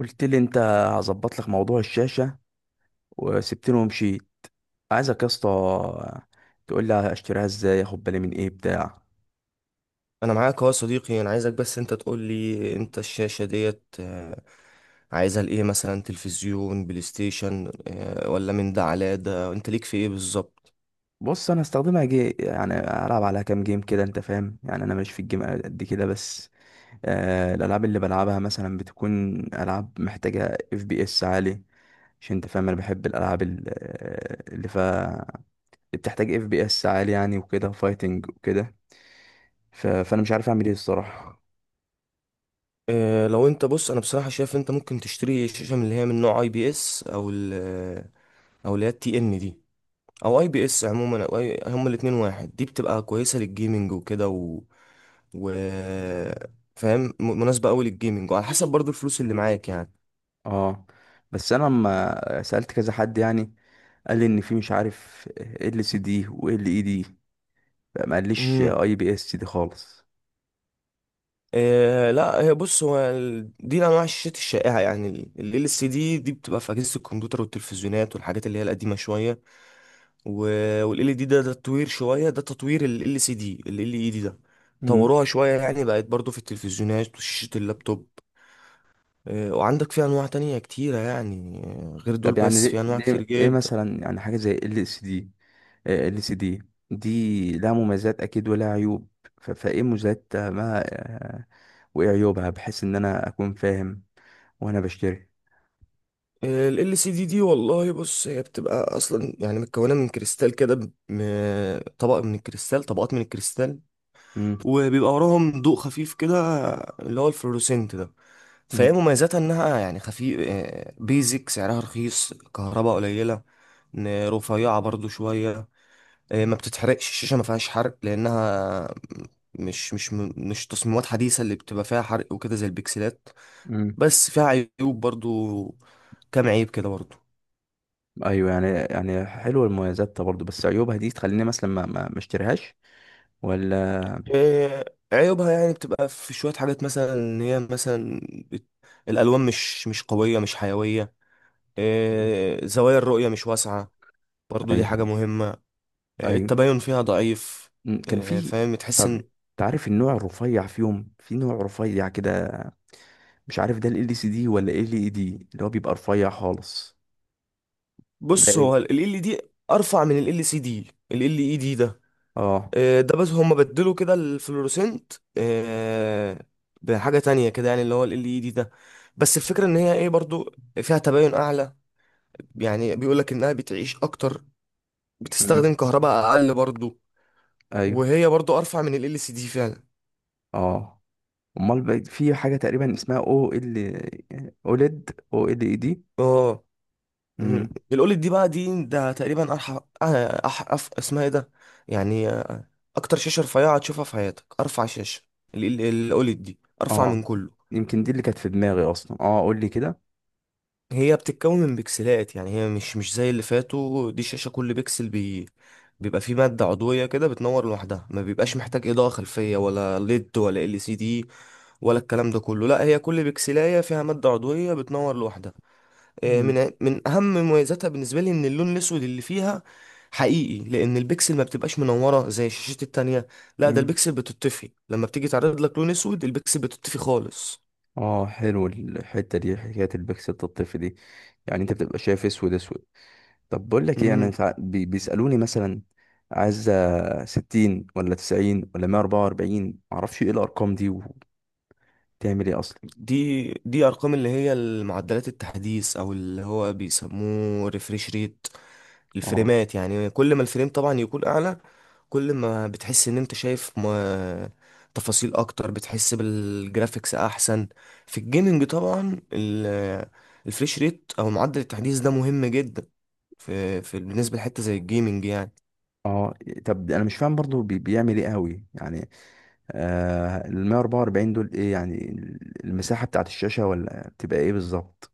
قلت لي انت هظبط لك موضوع الشاشه وسبتني ومشيت. عايزك يا اسطى تقول لي اشتريها ازاي، اخد بالي من ايه بتاع. انا معاك اهو يا صديقي، انا عايزك بس انت تقول لي انت الشاشة ديت عايزها لايه؟ مثلا تلفزيون، بلاي ستيشن آه،، ولا من ده على ده؟ انت ليك في ايه بالظبط؟ بص انا استخدمها جي، يعني العب عليها كام جيم كده، انت فاهم، يعني انا ماليش في الجيم قد كده، بس الالعاب اللي بلعبها مثلا بتكون العاب محتاجه اف بي اس عالي، عشان انت فاهم انا بحب الالعاب اللي بتحتاج اف بي اس عالي يعني، وكده فايتنج وكده. فانا مش عارف اعمل ايه الصراحه. لو انت بص، انا بصراحة شايف انت ممكن تشتري شاشة من اللي هي من نوع اي بي اس، او ال آه، او اللي هي التي ان دي، او اي بي اس عموما، او هما الاتنين واحد. دي بتبقى كويسة للجيمنج وكده و... فاهم؟ مناسبة قوي للجيمنج، وعلى حسب برضو الفلوس اللي معاك يعني. اه، بس انا لما سألت كذا حد يعني، قال لي ان في، مش عارف، ال سي دي و ال اي دي، ما قاليش مم. اي بي اس دي خالص. إيه لا، هي بص، دي انواع الشاشات الشائعه يعني. ال ال سي دي دي بتبقى في اجهزه الكمبيوتر والتلفزيونات والحاجات اللي هي القديمه شويه. وال ال دي ده تطوير شويه، ده تطوير ال ال سي دي. ال ال اي دي ده مم. طوروها شويه يعني، بقت برضو في التلفزيونات وشاشه اللابتوب. إيه، وعندك في انواع تانية كتيره يعني غير دول، طب يعني بس ليه في انواع كتير ايه جدا. مثلا، يعني حاجة زي ال سي دي؟ ال سي دي دي لها مميزات اكيد ولها عيوب، فايه مميزات، ما آه، وايه عيوبها بحيث ان انا اكون فاهم وانا بشتري؟ ال ال سي دي دي والله بص، هي بتبقى اصلا يعني متكونه من كريستال كده، طبق من الكريستال، طبقات من الكريستال، مم. وبيبقى وراهم ضوء خفيف كده اللي هو الفلوروسنت ده. فهي مم. مميزاتها انها يعني خفيف، بيزك سعرها رخيص، كهرباء قليلة، رفيعة برضو شوية. ما بتتحرقش الشاشة، ما فيهاش حرق، لأنها مش تصميمات حديثة اللي بتبقى فيها حرق وكده زي البكسلات. مم. بس فيها عيوب برضو، كام عيب كده برضو. ايوه يعني، يعني حلوه المميزات ده برضه، بس عيوبها دي تخليني مثلا ما اشتريهاش ولا؟ آه، عيوبها يعني بتبقى في شوية حاجات، مثلا ان هي مثلا بت- الألوان مش قوية، مش حيوية. مم. زوايا الرؤية مش واسعة، برضو دي حاجة ايوه. مهمة. ايوه. التباين فيها ضعيف. م، كان في. فاهم، تحس طب ان. تعرف النوع الرفيع فيهم، في نوع رفيع كده، مش عارف ده ال سي دي ولا ال اي دي، اللي هو بيبقى رفيع خالص؟ ده بص، ايه؟ هو ال ال دي ارفع من ال ال سي دي. ال ال اي دي ده اه. آه،، ده بس هما بدلوا كده الفلوروسنت بحاجة تانية كده يعني، اللي هو ال ال اي دي ده. بس الفكرة ان هي ايه برضو، فيها تباين اعلى، يعني بيقولك انها بتعيش اكتر، مم. بتستخدم كهرباء اقل برضو، ايوه. وهي برضو ارفع من ال ال سي دي فعلا. اه. امال بقى في حاجه تقريبا اسمها او ال، اوليد، او ال اي دي؟ اه مم. امم. الاولد دي بقى ده تقريبا ارحف اسمها ايه ده؟ يعني اكتر شاشه رفيعه هتشوفها في حياتك. ارفع شاشه الاولد دي، ارفع اه، من كله. يمكن دي اللي كانت في دماغي اصلا. اه قول لي كده. هي بتتكون من بكسلات، يعني هي مش زي اللي فاتوا. دي شاشه كل بكسل بيبقى فيه ماده عضويه كده، بتنور لوحدها، ما بيبقاش محتاج اضاءه خلفيه ولا ليد ولا ال سي دي ولا الكلام ده كله. لا، هي كل بكسلايه فيها ماده عضويه بتنور لوحدها. مم. من اهم مميزاتها بالنسبه لي ان اللون الاسود اللي فيها حقيقي، لان البكسل ما بتبقاش منوره زي الشاشات التانية. لا، ده مم. البكسل بتطفي، لما بتيجي تعرض لك لون اسود البكسل بتطفي خالص. اه حلو الحته دي، حكايه البكسل الطفل دي، يعني انت بتبقى شايف اسود اسود. طب بقول لك ايه، انا إمم. بيسالوني مثلا، عايز ستين ولا تسعين ولا مية اربعة واربعين، معرفش ايه الارقام دي وبتعمل ايه اصلا. دي ارقام اللي هي معدلات التحديث، او اللي هو بيسموه ريفريش ريت، اه. الفريمات، يعني كل ما الفريم طبعا يكون اعلى، كل ما بتحس ان انت شايف ما تفاصيل اكتر، بتحس بالجرافيكس احسن. في الجيمنج طبعا الفريش ريت او معدل التحديث ده مهم جدا، في بالنسبه لحته زي الجيمنج يعني. اه، طب انا مش فاهم برضو، بيعمل ايه قوي يعني؟ ال 144 دول ايه يعني؟ المساحة بتاعت الشاشة، ولا بتبقى ايه بالظبط؟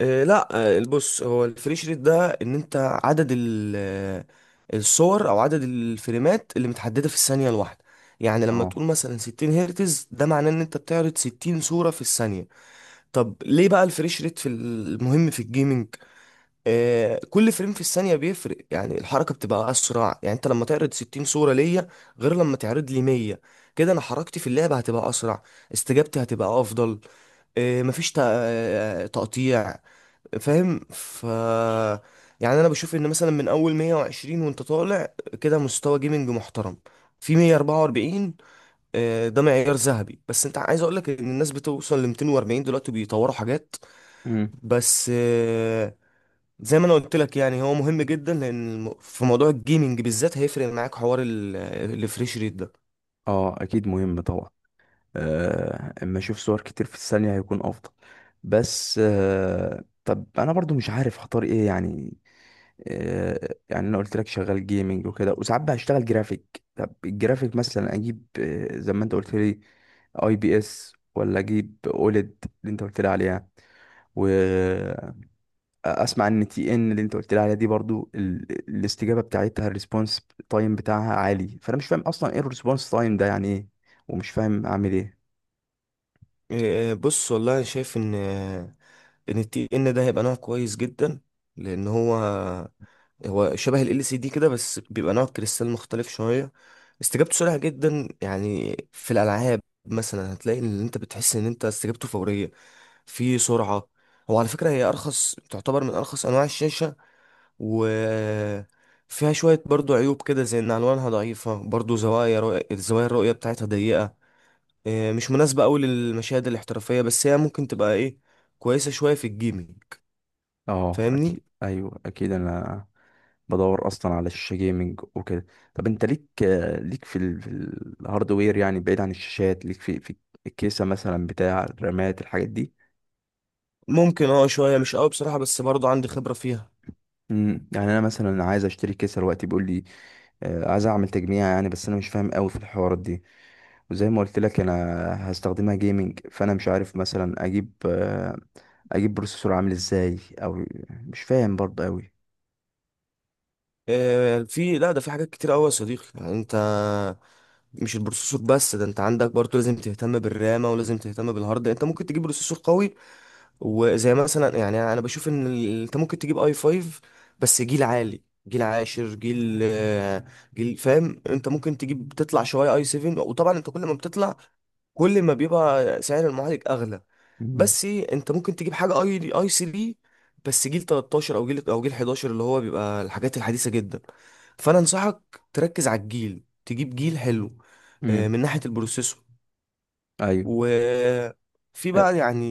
لا. بص، هو الفريش ريت ده، ان انت عدد الصور او عدد الفريمات اللي متحدده في الثانيه الواحده. يعني لما اه. تقول مثلا 60 هرتز، ده معناه ان انت بتعرض 60 صوره في الثانيه. طب ليه بقى الفريش ريت في المهم في الجيمنج؟ آه، كل فريم في الثانيه بيفرق، يعني الحركه بتبقى اسرع. يعني انت لما تعرض 60 صوره ليا، غير لما تعرض لي 100، كده انا حركتي في اللعبه هتبقى اسرع، استجابتي هتبقى افضل. مفيش تقطيع، فاهم؟ ف يعني انا بشوف ان مثلا من اول 120 وانت طالع كده مستوى جيمنج محترم. في 144 ده معيار ذهبي، بس انت عايز اقول لك ان الناس بتوصل ل 240 دلوقتي، بيطوروا حاجات. امم. بس زي ما انا قلت لك يعني، هو مهم جدا، لان في موضوع الجيمنج بالذات هيفرق معاك حوار الفريش ريت ده. اه اكيد مهم طبعا. اما اشوف صور كتير في الثانية هيكون افضل. بس طب انا برضو مش عارف هختار ايه يعني. يعني انا قلت لك شغال جيمنج وكده، وساعات بشتغل جرافيك. طب الجرافيك مثلا اجيب زي ما انت قلت لي، اي بي اس ولا اجيب اوليد اللي انت قلت لي عليها؟ واسمع، ان تي ان اللي انت قلت لي عليها دي برضو الاستجابه بتاعتها، الريسبونس تايم بتاعها عالي، فانا مش فاهم اصلا ايه الريسبونس تايم ده يعني ايه، ومش فاهم اعمل ايه. بص والله، انا شايف ان ان التي ان ده هيبقى نوع كويس جدا، لان هو شبه ال LCD كده، بس بيبقى نوع كريستال مختلف شوية. استجابته سريعة جدا، يعني في الألعاب مثلا هتلاقي ان انت بتحس ان انت استجابته فورية، في سرعة. هو على فكرة هي أرخص، تعتبر من أرخص أنواع الشاشة. و فيها شوية برضو عيوب كده، زي إن ألوانها ضعيفة برضو، زوايا رؤية الزوايا الرؤية بتاعتها ضيقة. إيه، مش مناسبة أوي للمشاهد الاحترافية، بس هي ممكن تبقى إيه، كويسة شوية في الجيمنج، اه فاهمني. اكيد. ايوه اكيد انا بدور اصلا على شاشه جيمنج وكده. طب انت ليك، في الهاردوير يعني، بعيد عن الشاشات، ليك في الكيسه مثلا، بتاع الرامات، الحاجات دي؟ ممكن، اه شوية مش أوي بصراحة، بس برضو عندي خبرة فيها. امم. يعني انا مثلا عايز اشتري كيسه دلوقتي، بيقول لي عايز اعمل تجميع يعني، بس انا مش فاهم قوي في الحوارات دي. وزي ما قلت لك انا هستخدمها جيمنج، فانا مش عارف مثلا اجيب اجيب بروسيسور عامل ازاي، او مش فاهم برضه قوي. آه، في لا ده في حاجات كتير قوي يا صديقي، يعني انت مش البروسيسور بس، ده انت عندك برضه لازم تهتم بالرامة، ولازم تهتم بالهارد. انت ممكن تجيب بروسيسور قوي، وزي مثلا يعني انا بشوف ان انت ممكن تجيب اي 5، بس جيل عالي، جيل عاشر، جيل آه، جيل فاهم. انت ممكن تجيب تطلع شويه اي 7، وطبعا انت كل ما بتطلع كل ما بيبقى سعر المعالج اغلى. بس انت ممكن تجيب حاجه اي 3، بس جيل 13 او جيل 11، اللي هو بيبقى الحاجات الحديثه جدا. فانا انصحك تركز على الجيل، تجيب جيل حلو. امم. من ناحيه البروسيسور. ايوه. وفي آه، بقى يعني،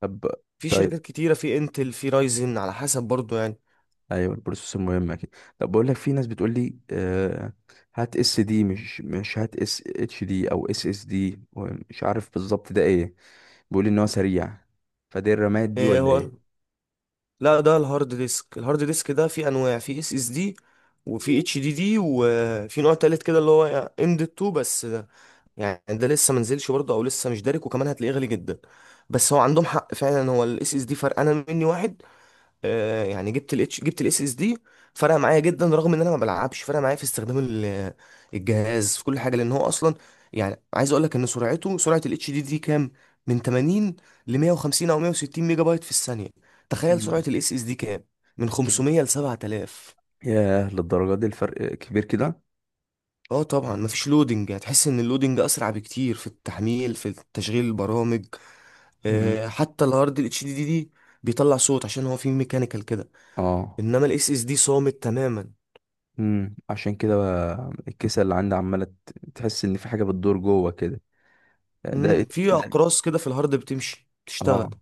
طب. في طيب. شركات كتيرة، في انتل، في رايزن، على حسب برضو يعني. ايوه البروسيسور مهم اكيد. طب بقول لك، في ناس بتقول لي هات اس دي، مش هات، اس اتش دي او اس اس دي، مش عارف بالظبط ده ايه، بيقول لي ان هو سريع، فدي الرامات دي إيه، ولا هو ايه؟ لا ده الهارد ديسك، الهارد ديسك ده في انواع، في اس اس دي، وفي اتش دي دي، وفي نوع تالت كده اللي هو ام دي 2، بس ده يعني ده لسه منزلش برضه او لسه مش دارك، وكمان هتلاقيه غالي جدا. بس هو عندهم حق فعلا، هو الاس اس دي فرقانه مني واحد. يعني جبت الاتش جبت الاس اس دي، فرق معايا جدا، رغم ان انا ما بلعبش. فرق معايا في استخدام الجهاز في كل حاجه، لان هو اصلا، يعني عايز اقول لك ان سرعته، سرعه الاتش دي دي كام؟ من 80 ل 150 او 160 ميجا بايت في الثانيه. تخيل سرعه مم. الاس اس دي كام؟ من اوكي. 500 ل 7,000. ياه، للدرجه دي الفرق كبير كده؟ اه طبعا، مفيش لودنج، هتحس ان اللودنج اسرع بكتير في التحميل، في تشغيل البرامج. مم. حتى الهارد الاتش دي دي بيطلع صوت، عشان هو فيه ميكانيكال كده. اه. انما الاس اس دي صامت تماما. امم، عشان كده بقى الكيسه اللي عندي عماله تحس ان في حاجه بتدور جوه كده. ده مم، إيه؟ في ده؟ اقراص كده في الهارد بتمشي تشتغل. اه.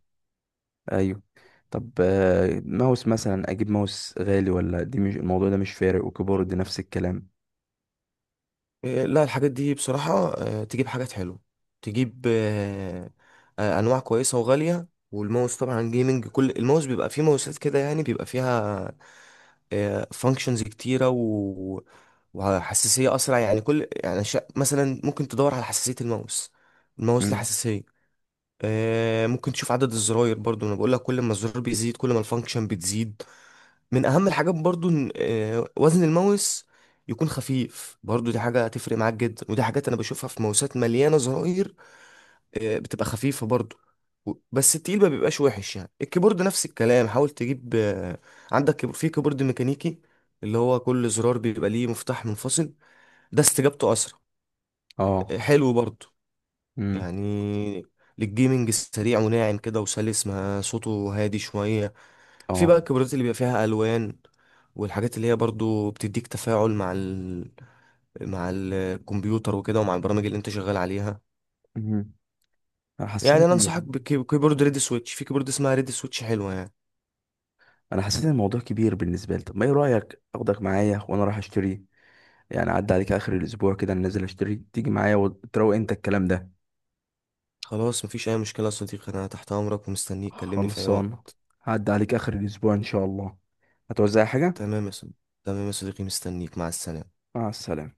ايوه. طب ماوس مثلا اجيب ماوس غالي، ولا دي مش، الموضوع ده مش فارق؟ وكيبورد نفس الكلام. إيه، لا الحاجات دي بصراحة تجيب حاجات حلوة، تجيب انواع كويسة وغالية. والماوس طبعا جيمنج، كل الماوس بيبقى فيه، ماوسات كده يعني بيبقى فيها فانكشنز كتيرة وحساسية اسرع. يعني كل يعني مثلا ممكن تدور على حساسية الماوس، الماوس له امم. حساسية. ممكن تشوف عدد الزراير برضو. انا بقول لك كل ما الزرار بيزيد كل ما الفانكشن بتزيد. من اهم الحاجات برضو وزن الماوس يكون خفيف برضو، دي حاجة هتفرق معاك جدا. ودي حاجات انا بشوفها في ماوسات مليانة زراير بتبقى خفيفة برضو. بس التقيل ما بيبقاش وحش يعني. الكيبورد نفس الكلام، حاول تجيب عندك في كيبورد ميكانيكي، اللي هو كل زرار بيبقى ليه مفتاح منفصل، ده استجابته اسرع. اه. حلو برضو امم. يعني، للجيمنج سريع وناعم كده وسلس، ما صوته هادي شوية. في اه. بقى الكاميرات اللي بيبقى فيها الوان، والحاجات اللي هي برضو بتديك تفاعل مع مع الكمبيوتر وكده، ومع البرامج اللي انت شغال عليها. امم. انا يعني حسيت انا ان انصحك ال- بكيبورد ريد سويتش، في كيبورد اسمها ريد سويتش حلوه يعني. انا حسيت ان الموضوع كبير بالنسبه لي. طب ما ايه رايك اخدك معايا وانا رايح اشتري، يعني اعدي عليك اخر الاسبوع كده، أنا نازل اشتري تيجي معايا وتروق انت الكلام ده. خلاص، مفيش اي مشكله يا صديقي، انا تحت امرك ومستنيك، كلمني في اي خلصان. وقت. هعدي عليك اخر الاسبوع ان شاء الله، هتوزع حاجه؟ تمام يا صديقي. تمام يا صديقي، مستنيك، مع السلامه. مع السلامه.